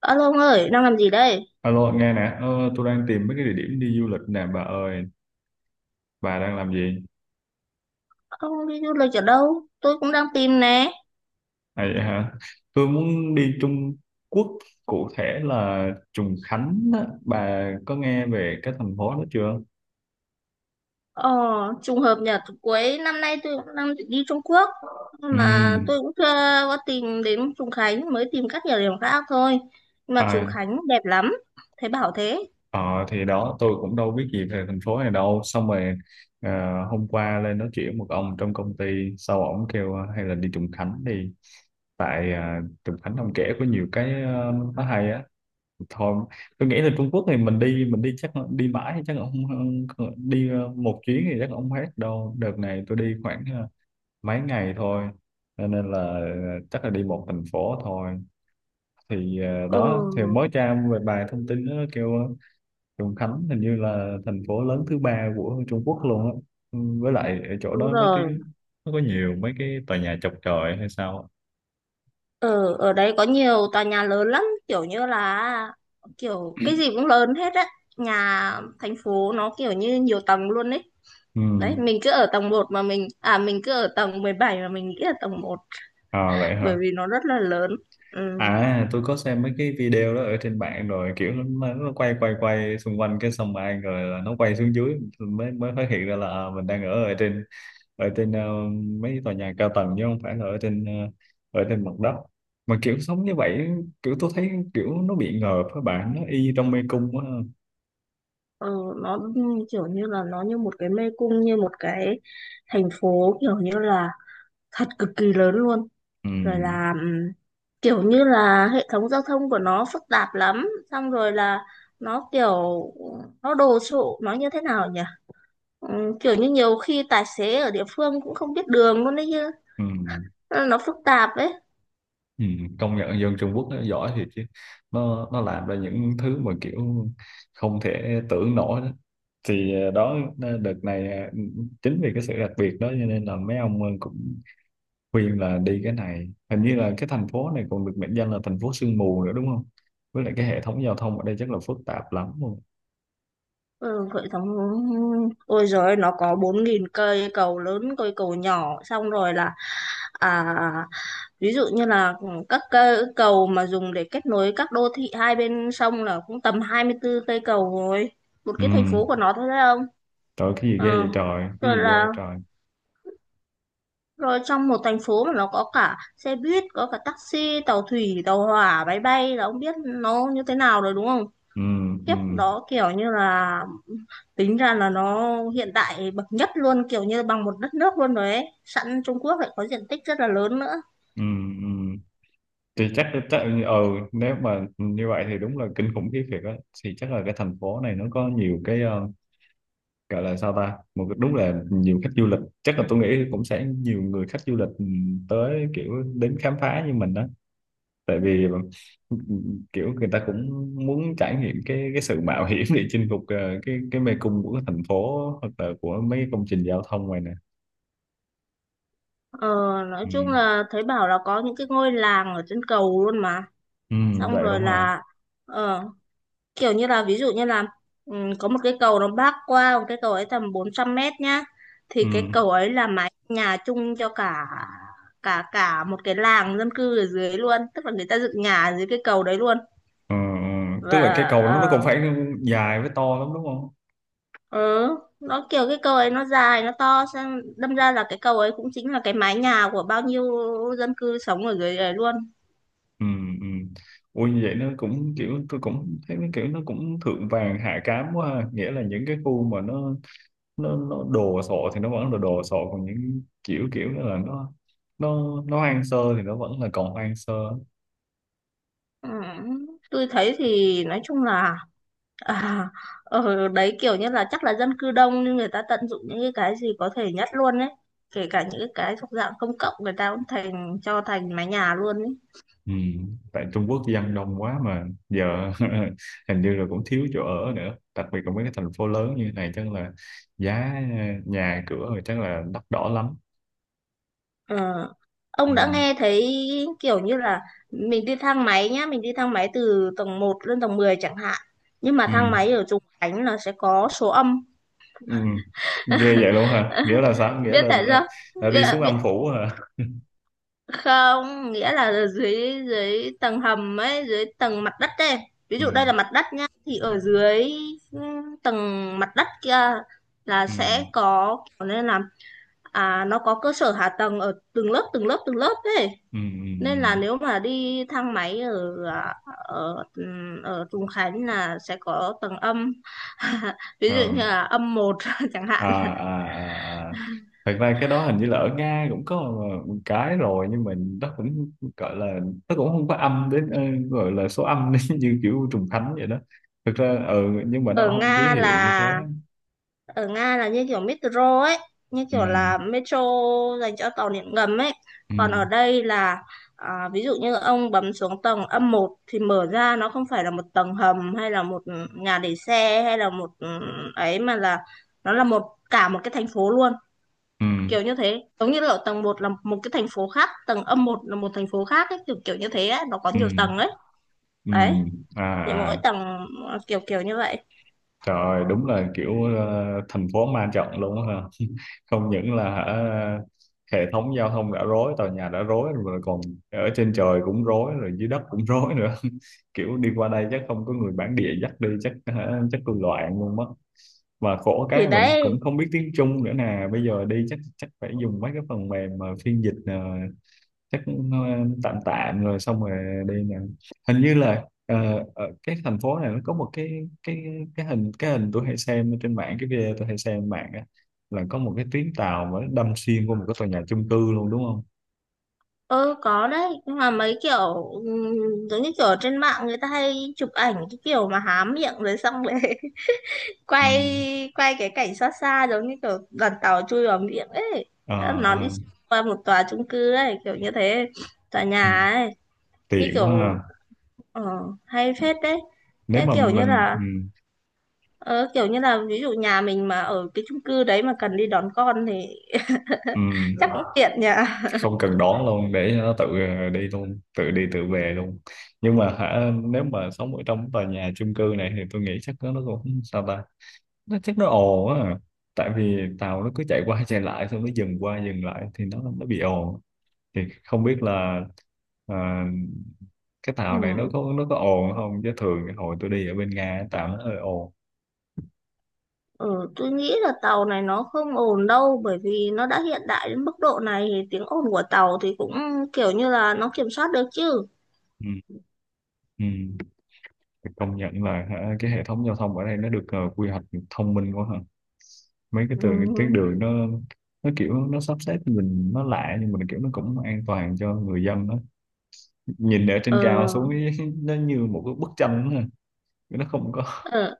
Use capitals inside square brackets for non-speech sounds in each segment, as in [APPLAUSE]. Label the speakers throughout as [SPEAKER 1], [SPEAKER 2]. [SPEAKER 1] Alo ông ơi, đang làm gì đây?
[SPEAKER 2] Alo, nghe nè, tôi đang tìm mấy cái địa điểm đi du lịch nè, bà ơi, bà đang làm gì?
[SPEAKER 1] Ông đi du lịch ở đâu? Tôi cũng đang tìm nè.
[SPEAKER 2] À, vậy hả? Tôi muốn đi Trung Quốc, cụ thể là Trùng Khánh á. Bà có nghe về cái thành phố đó chưa?
[SPEAKER 1] Ờ, trùng hợp nhờ cuối năm nay tôi cũng đang định đi Trung Quốc.
[SPEAKER 2] Ừ.
[SPEAKER 1] Nhưng mà tôi cũng chưa có tìm đến Trùng Khánh, mới tìm các địa điểm khác thôi. Nhưng mà Trùng
[SPEAKER 2] à,
[SPEAKER 1] Khánh đẹp lắm, thấy bảo thế.
[SPEAKER 2] ờ, thì đó, tôi cũng đâu biết gì về thành phố này đâu. Xong rồi ờ, hôm qua lên nói chuyện một ông trong công ty, sau ổng kêu hay là đi Trùng Khánh đi. Tại Trùng Khánh ông kể có nhiều cái, nó hay á. Thôi tôi nghĩ là Trung Quốc thì mình đi chắc đi mãi thì chắc không không- đi một chuyến thì chắc không hết đâu. Đợt này tôi đi khoảng mấy ngày thôi, cho nên là chắc là đi một thành phố thôi. Thì đó thì
[SPEAKER 1] Ừ,
[SPEAKER 2] mới tra về bài thông tin đó, nó kêu Trùng Khánh hình như là thành phố lớn thứ ba của Trung Quốc luôn á. Ừ, với lại ở chỗ
[SPEAKER 1] đúng
[SPEAKER 2] đó
[SPEAKER 1] rồi.
[SPEAKER 2] nó có nhiều mấy cái tòa nhà chọc chọi hay sao á.
[SPEAKER 1] Ở ở đấy có nhiều tòa nhà lớn lắm, kiểu như là kiểu cái gì cũng lớn hết á. Nhà thành phố nó kiểu như nhiều tầng luôn ấy.
[SPEAKER 2] Ừ.
[SPEAKER 1] Đấy, mình cứ ở tầng một mà mình cứ ở tầng 17 mà mình nghĩ là tầng một,
[SPEAKER 2] À, vậy
[SPEAKER 1] bởi
[SPEAKER 2] hả?
[SPEAKER 1] vì nó rất là lớn, ừ.
[SPEAKER 2] À, tôi có xem mấy cái video đó ở trên mạng rồi, kiểu nó quay quay quay xung quanh cái xong ai rồi là nó quay xuống dưới, mới mới phát hiện ra là à, mình đang ở ở trên mấy tòa nhà cao tầng chứ không phải là ở trên mặt đất, mà kiểu sống như vậy, kiểu tôi thấy kiểu nó bị ngợp các bạn, nó y trong mê cung quá.
[SPEAKER 1] Ừ, nó kiểu như là nó như một cái mê cung, như một cái thành phố, kiểu như là thật cực kỳ lớn luôn.
[SPEAKER 2] Ừ,
[SPEAKER 1] Rồi là kiểu như là hệ thống giao thông của nó phức tạp lắm, xong rồi là nó kiểu nó đồ sộ, nó như thế nào nhỉ. Kiểu như nhiều khi tài xế ở địa phương cũng không biết đường luôn đấy chứ,
[SPEAKER 2] ừ.
[SPEAKER 1] nó phức tạp ấy.
[SPEAKER 2] Ừ, công nhận dân Trung Quốc nó giỏi thiệt chứ, nó làm ra những thứ mà kiểu không thể tưởng nổi đó. Thì đó, đợt này chính vì cái sự đặc biệt đó cho nên là mấy ông cũng khuyên là đi cái này. Hình như là cái thành phố này còn được mệnh danh là thành phố sương mù nữa đúng không, với lại cái hệ thống giao thông ở đây chắc là phức tạp lắm luôn.
[SPEAKER 1] Ừ, cội sống, ôi, rồi nó có 4.000 cây cầu lớn cây cầu nhỏ, xong rồi là à, ví dụ như là các cây cầu mà dùng để kết nối các đô thị hai bên sông là cũng tầm 24 cây cầu rồi, một
[SPEAKER 2] Ừ.
[SPEAKER 1] cái thành phố của nó thôi đấy không.
[SPEAKER 2] Trời, cái gì ghê
[SPEAKER 1] Ờ.
[SPEAKER 2] vậy trời, cái
[SPEAKER 1] rồi
[SPEAKER 2] gì ghê
[SPEAKER 1] là
[SPEAKER 2] vậy trời!
[SPEAKER 1] rồi trong một thành phố mà nó có cả xe buýt, có cả taxi, tàu thủy, tàu hỏa, máy bay, là ông biết nó như thế nào rồi đúng không.
[SPEAKER 2] Ừ. Ừ.
[SPEAKER 1] Kiếp đó kiểu như là tính ra là nó hiện đại bậc nhất luôn, kiểu như bằng một đất nước luôn rồi ấy, sẵn Trung Quốc lại có diện tích rất là lớn nữa.
[SPEAKER 2] Ừ. Ừ. Thì chắc chắc ừ nếu mà như vậy thì đúng là kinh khủng khiếp thiệt á. Thì chắc là cái thành phố này nó có nhiều cái, gọi là sao ta, đúng là nhiều khách du lịch, chắc là tôi nghĩ cũng sẽ nhiều người khách du lịch tới kiểu đến khám phá như mình đó. Tại vì ừ, kiểu người ta cũng muốn trải nghiệm cái sự mạo hiểm để chinh phục cái mê cung của cái thành phố hoặc là của mấy cái công trình giao thông này nè.
[SPEAKER 1] ờ, nói
[SPEAKER 2] Ừ.
[SPEAKER 1] chung là thấy bảo là có những cái ngôi làng ở trên cầu luôn mà.
[SPEAKER 2] Ừ,
[SPEAKER 1] Xong
[SPEAKER 2] vậy đúng
[SPEAKER 1] rồi
[SPEAKER 2] không?
[SPEAKER 1] là ờ, kiểu như là, ví dụ như là, ừ, có một cái cầu nó bắc qua một cái cầu ấy tầm 400 mét nhá,
[SPEAKER 2] Ừ.
[SPEAKER 1] thì cái cầu ấy là mái nhà chung cho cả cả cả một cái làng dân cư ở dưới luôn, tức là người ta dựng nhà ở dưới cái cầu đấy luôn.
[SPEAKER 2] Ừ, ừ. Tức là
[SPEAKER 1] Và
[SPEAKER 2] cái cầu nó cũng
[SPEAKER 1] ờ,
[SPEAKER 2] phải dài với to lắm đúng không?
[SPEAKER 1] ừ nó kiểu cái cầu ấy nó dài nó to, xem đâm ra là cái cầu ấy cũng chính là cái mái nhà của bao nhiêu dân cư sống ở dưới đấy luôn.
[SPEAKER 2] Ừ, ừ. Ui, như vậy nó cũng kiểu, tôi cũng thấy nó kiểu nó cũng thượng vàng hạ cám quá ha. Nghĩa là những cái khu mà nó đồ sộ thì nó vẫn là đồ sộ, còn những kiểu kiểu đó là nó hoang sơ thì nó vẫn là còn hoang sơ.
[SPEAKER 1] Ừ. Tôi thấy thì nói chung là, à, ở đấy kiểu như là chắc là dân cư đông, nhưng người ta tận dụng những cái gì có thể nhất luôn ấy, kể cả những cái thuộc dạng công cộng người ta cũng thành cho thành mái nhà luôn ấy.
[SPEAKER 2] Ừ. Tại Trung Quốc dân đông quá mà giờ [LAUGHS] hình như là cũng thiếu chỗ ở nữa, đặc biệt là mấy cái thành phố lớn như này chắc là nhà cửa rồi chắc là đắt đỏ lắm.
[SPEAKER 1] Ờ,
[SPEAKER 2] Ừ.
[SPEAKER 1] ông đã nghe thấy kiểu như là mình đi thang máy nhá, mình đi thang máy từ tầng một lên tầng 10 chẳng hạn. Nhưng mà
[SPEAKER 2] Ừ.
[SPEAKER 1] thang máy ở Trùng Khánh là sẽ có số âm.
[SPEAKER 2] Ừ. Ghê vậy luôn hả? Nghĩa
[SPEAKER 1] [LAUGHS]
[SPEAKER 2] là sao? Nghĩa
[SPEAKER 1] Biết
[SPEAKER 2] là,
[SPEAKER 1] tại
[SPEAKER 2] là,
[SPEAKER 1] sao?
[SPEAKER 2] là đi xuống
[SPEAKER 1] Biết, biết,
[SPEAKER 2] âm phủ hả?
[SPEAKER 1] không, nghĩa là ở dưới dưới tầng hầm ấy, dưới tầng mặt đất ấy. Ví
[SPEAKER 2] Ừ.
[SPEAKER 1] dụ đây là mặt đất nhá, thì ở dưới, ừ, tầng mặt đất kia là
[SPEAKER 2] Ừ.
[SPEAKER 1] sẽ có kiểu, nên là nó có cơ sở hạ tầng ở từng lớp từng lớp từng lớp ấy.
[SPEAKER 2] Ừ.
[SPEAKER 1] Nên là
[SPEAKER 2] Ừ.
[SPEAKER 1] nếu mà đi thang máy ở, ở ở Trùng Khánh là sẽ có tầng âm, [LAUGHS] ví
[SPEAKER 2] Ừ. Ờ.
[SPEAKER 1] dụ như là âm một [LAUGHS] chẳng
[SPEAKER 2] À,
[SPEAKER 1] hạn.
[SPEAKER 2] à, à, à. Thật ra cái đó hình như là ở Nga cũng có một cái rồi, nhưng mà nó cũng gọi là nó cũng không có âm đến, gọi là số âm [LAUGHS] như kiểu trùng thánh vậy đó. Thực ra nhưng mà nó
[SPEAKER 1] ở
[SPEAKER 2] không ký
[SPEAKER 1] Nga
[SPEAKER 2] hiệu như thế.
[SPEAKER 1] là ở Nga là như kiểu metro ấy, như
[SPEAKER 2] Ừ.
[SPEAKER 1] kiểu là metro dành cho tàu điện ngầm ấy.
[SPEAKER 2] Ừ.
[SPEAKER 1] Còn ở đây là, ví dụ như ông bấm xuống tầng âm một thì mở ra nó không phải là một tầng hầm hay là một nhà để xe hay là một, ấy, mà là nó là cả một cái thành phố luôn,
[SPEAKER 2] Ừ.
[SPEAKER 1] kiểu như thế, giống như là tầng một là một cái thành phố khác, tầng âm một là một thành phố khác ấy, kiểu kiểu như thế ấy. Nó có
[SPEAKER 2] Ừ.
[SPEAKER 1] nhiều tầng ấy.
[SPEAKER 2] Ừ.
[SPEAKER 1] Đấy,
[SPEAKER 2] À,
[SPEAKER 1] thì mỗi
[SPEAKER 2] à.
[SPEAKER 1] tầng kiểu kiểu như vậy.
[SPEAKER 2] Trời ơi, đúng là kiểu thành phố ma trận luôn á ha. Không những là hả, hệ thống giao thông đã rối, tòa nhà đã rối rồi, còn ở trên trời cũng rối rồi dưới đất cũng rối nữa. [LAUGHS] Kiểu đi qua đây chắc không có người bản địa dắt đi, chắc hả, chắc tôi loạn luôn mất. Mà khổ
[SPEAKER 1] Thì
[SPEAKER 2] cái mình cũng
[SPEAKER 1] đấy,
[SPEAKER 2] không biết tiếng Trung nữa nè, bây giờ đi chắc chắc phải dùng mấy cái phần mềm mà phiên dịch, chắc cũng tạm tạm rồi xong rồi đi nè. Hình như là ở cái thành phố này nó có một cái hình tôi hay xem trên mạng cái video tôi hay xem trên mạng á, là có một cái tuyến tàu mà nó đâm xuyên qua một cái tòa nhà chung cư luôn đúng không?
[SPEAKER 1] ừ, có đấy, nhưng mà mấy kiểu giống như kiểu ở trên mạng người ta hay chụp ảnh cái kiểu mà há miệng rồi xong rồi [LAUGHS]
[SPEAKER 2] Ừ.
[SPEAKER 1] quay quay cái cảnh xa xa giống như kiểu đoàn tàu chui vào miệng ấy. Thế là
[SPEAKER 2] Ờ.
[SPEAKER 1] nó đi
[SPEAKER 2] Ờ.
[SPEAKER 1] qua một tòa chung cư ấy kiểu như thế, tòa
[SPEAKER 2] Ừ.
[SPEAKER 1] nhà ấy. Như
[SPEAKER 2] Tiện quá ha.
[SPEAKER 1] kiểu, ờ, hay phết đấy.
[SPEAKER 2] Nếu
[SPEAKER 1] Thế
[SPEAKER 2] mà
[SPEAKER 1] kiểu như
[SPEAKER 2] mình,
[SPEAKER 1] là, ờ, kiểu như là ví dụ nhà mình mà ở cái chung cư đấy mà cần đi đón con thì
[SPEAKER 2] ừ,
[SPEAKER 1] chắc cũng tiện nhỉ.
[SPEAKER 2] không cần đón luôn, để cho nó tự đi luôn, tự đi tự về luôn. Nhưng mà hả, nếu mà sống ở trong tòa nhà chung cư này thì tôi nghĩ chắc nó cũng sao ta, nó chắc nó ồn á. Tại vì tàu nó cứ chạy qua chạy lại, xong nó dừng qua dừng lại thì nó bị ồn. Thì không biết là à, cái tàu này nó
[SPEAKER 1] Ừ,
[SPEAKER 2] có nó có ồn không, chứ thường cái hồi tôi đi ở bên Nga tàu nó hơi ồn.
[SPEAKER 1] ừ, tôi nghĩ là tàu này nó không ồn đâu, bởi vì nó đã hiện đại đến mức độ này thì tiếng ồn của tàu thì cũng kiểu như là nó kiểm soát được chứ.
[SPEAKER 2] Ừ. Ừ. Thì công nhận là hả, cái hệ thống giao thông ở đây nó được quy hoạch thông minh quá hả? Mấy
[SPEAKER 1] Ừ.
[SPEAKER 2] cái tuyến đường nó kiểu nó sắp xếp cho mình nó lạ, nhưng mà kiểu nó cũng an toàn cho người dân đó. Nhìn ở trên cao xuống
[SPEAKER 1] Ờ,
[SPEAKER 2] ý, [LAUGHS] nó như một cái bức tranh đó ha. Nó không có.
[SPEAKER 1] ờ,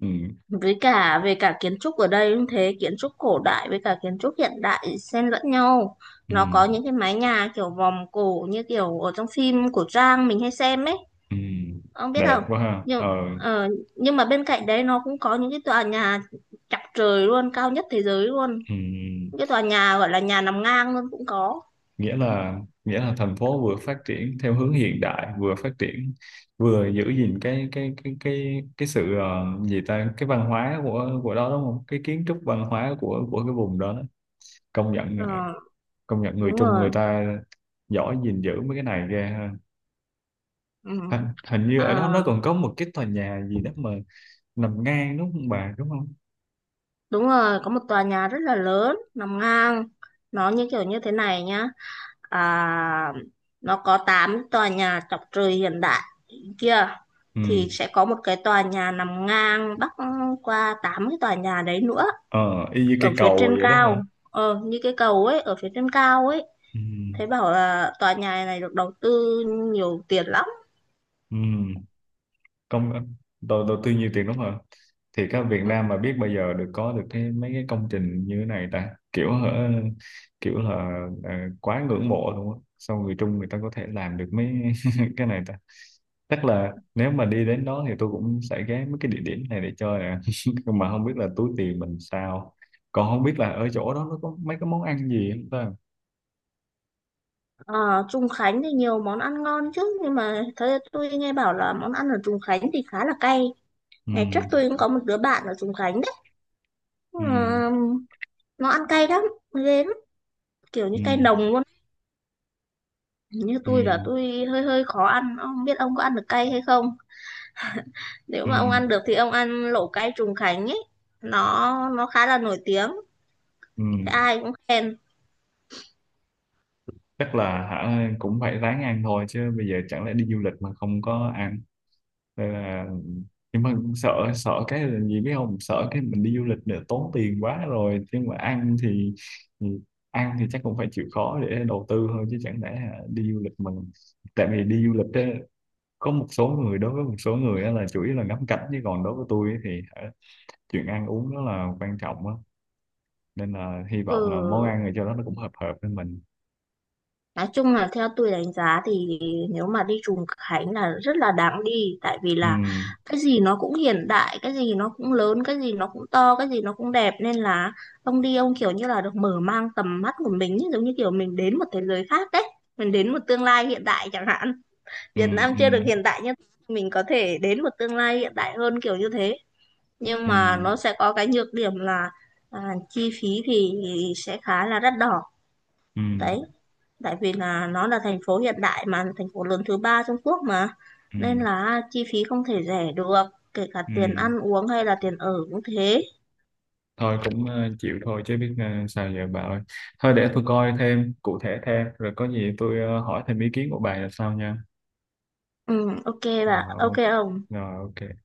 [SPEAKER 2] Ừ.
[SPEAKER 1] với cả về cả kiến trúc ở đây cũng thế, kiến trúc cổ đại với cả kiến trúc hiện đại xen lẫn nhau.
[SPEAKER 2] Ừ,
[SPEAKER 1] Nó có những cái mái nhà kiểu vòm cổ như kiểu ở trong phim của Trang mình hay xem ấy,
[SPEAKER 2] ừ,
[SPEAKER 1] ông biết không.
[SPEAKER 2] đẹp quá ha.
[SPEAKER 1] nhưng
[SPEAKER 2] Ờ,
[SPEAKER 1] ờ, nhưng mà bên cạnh đấy nó cũng có những cái tòa nhà chọc trời luôn, cao nhất thế giới luôn.
[SPEAKER 2] ừ,
[SPEAKER 1] Những cái tòa nhà gọi là nhà nằm ngang luôn cũng có.
[SPEAKER 2] nghĩa là nghĩa là thành phố vừa phát triển theo hướng hiện đại, vừa phát triển vừa giữ gìn cái sự gì ta, cái văn hóa của đó đúng không, cái kiến trúc văn hóa của cái vùng đó. công nhận ờ,
[SPEAKER 1] Ờ,
[SPEAKER 2] công nhận người
[SPEAKER 1] đúng
[SPEAKER 2] Trung
[SPEAKER 1] rồi,
[SPEAKER 2] người ta giỏi gìn giữ mấy cái này ghê ha.
[SPEAKER 1] ừ.
[SPEAKER 2] hình, hình như
[SPEAKER 1] À,
[SPEAKER 2] ở đó nó còn có một cái tòa nhà gì đó mà nằm ngang đúng không bà, đúng không?
[SPEAKER 1] đúng rồi, có một tòa nhà rất là lớn nằm ngang, nó như kiểu như thế này nhá. À, nó có 8 tòa nhà chọc trời hiện đại kia,
[SPEAKER 2] Ừ.
[SPEAKER 1] thì sẽ có một cái tòa nhà nằm ngang bắc qua 8 cái tòa nhà đấy nữa,
[SPEAKER 2] Ờ y như cây
[SPEAKER 1] ở phía
[SPEAKER 2] cầu
[SPEAKER 1] trên
[SPEAKER 2] vậy đó
[SPEAKER 1] cao.
[SPEAKER 2] hả?
[SPEAKER 1] Ờ, như cái cầu ấy, ở phía trên cao ấy.
[SPEAKER 2] Ừ.
[SPEAKER 1] Thấy bảo là tòa nhà này được đầu tư nhiều tiền lắm.
[SPEAKER 2] Ừ. công đầu đầu tư nhiều tiền đúng không? Thì các Việt Nam mà biết bao giờ có được cái mấy cái công trình như thế này ta, kiểu hả, kiểu là ờ, quá ngưỡng mộ luôn á, sao người Trung người ta có thể làm được mấy [LAUGHS] cái này ta. Chắc là nếu mà đi đến đó thì tôi cũng sẽ ghé mấy cái địa điểm này để chơi nè, [LAUGHS] nhưng mà không biết là túi tiền mình sao, còn không biết là ở chỗ đó nó có mấy cái món ăn gì không ta.
[SPEAKER 1] Ờ, Trùng Khánh thì nhiều món ăn ngon chứ, nhưng mà thấy, tôi nghe bảo là món ăn ở Trùng Khánh thì khá là cay.
[SPEAKER 2] Ừ.
[SPEAKER 1] Ngày trước tôi cũng có một đứa bạn ở Trùng Khánh đấy. Ờ,
[SPEAKER 2] Ừ.
[SPEAKER 1] nó ăn cay lắm, ghê lắm, kiểu như
[SPEAKER 2] Ừ.
[SPEAKER 1] cay nồng luôn. Như
[SPEAKER 2] Ừ.
[SPEAKER 1] tôi là tôi hơi hơi khó ăn, không biết ông có ăn được cay hay không. Nếu
[SPEAKER 2] Ừ.
[SPEAKER 1] mà ông ăn được thì ông ăn lẩu cay Trùng Khánh ấy, nó nó khá là nổi tiếng, thế
[SPEAKER 2] Ừ.
[SPEAKER 1] ai cũng khen.
[SPEAKER 2] Chắc là hả, cũng phải ráng ăn thôi chứ, bây giờ chẳng lẽ đi du lịch mà không có ăn. Nên là, nhưng mà sợ sợ cái là gì biết không, sợ cái mình đi du lịch để tốn tiền quá rồi, nhưng mà thì ăn thì chắc cũng phải chịu khó để đầu tư thôi chứ, chẳng lẽ hả, đi du lịch mình. Tại vì đi du lịch á, có một số người đối với một số người á là chủ yếu là ngắm cảnh, chứ còn đối với tôi ấy thì hả, chuyện ăn uống nó là quan trọng á. Nên là hy vọng là món
[SPEAKER 1] Ừ,
[SPEAKER 2] ăn ở chỗ đó nó cũng hợp hợp với mình.
[SPEAKER 1] nói chung là theo tôi đánh giá thì nếu mà đi Trùng Khánh là rất là đáng đi, tại vì
[SPEAKER 2] Ừ.
[SPEAKER 1] là cái gì nó cũng hiện đại, cái gì nó cũng lớn, cái gì nó cũng to, cái gì nó cũng đẹp, nên là ông đi ông kiểu như là được mở mang tầm mắt của mình ý, giống như kiểu mình đến một thế giới khác đấy, mình đến một tương lai hiện đại chẳng hạn.
[SPEAKER 2] Ừ.
[SPEAKER 1] Việt Nam
[SPEAKER 2] Ừ.
[SPEAKER 1] chưa được hiện đại, nhưng mình có thể đến một tương lai hiện đại hơn, kiểu như thế. Nhưng
[SPEAKER 2] Ừ.
[SPEAKER 1] mà nó sẽ có cái nhược điểm là, à, chi phí thì sẽ khá là đắt đỏ.
[SPEAKER 2] Ừ.
[SPEAKER 1] Đấy, tại vì là nó là thành phố hiện đại mà, thành phố lớn thứ ba Trung Quốc mà,
[SPEAKER 2] Ừ.
[SPEAKER 1] nên là chi phí không thể rẻ được, kể cả tiền
[SPEAKER 2] Ừ.
[SPEAKER 1] ăn uống hay là tiền ở cũng thế.
[SPEAKER 2] Thôi cũng chịu thôi chứ, biết sao giờ bà ơi. Thôi để tôi coi thêm cụ thể thêm, rồi có gì tôi hỏi thêm ý kiến của bà là sao nha.
[SPEAKER 1] Ừ, ok
[SPEAKER 2] Ờ,
[SPEAKER 1] bà, ok
[SPEAKER 2] ok.
[SPEAKER 1] ông.
[SPEAKER 2] Rồi ok.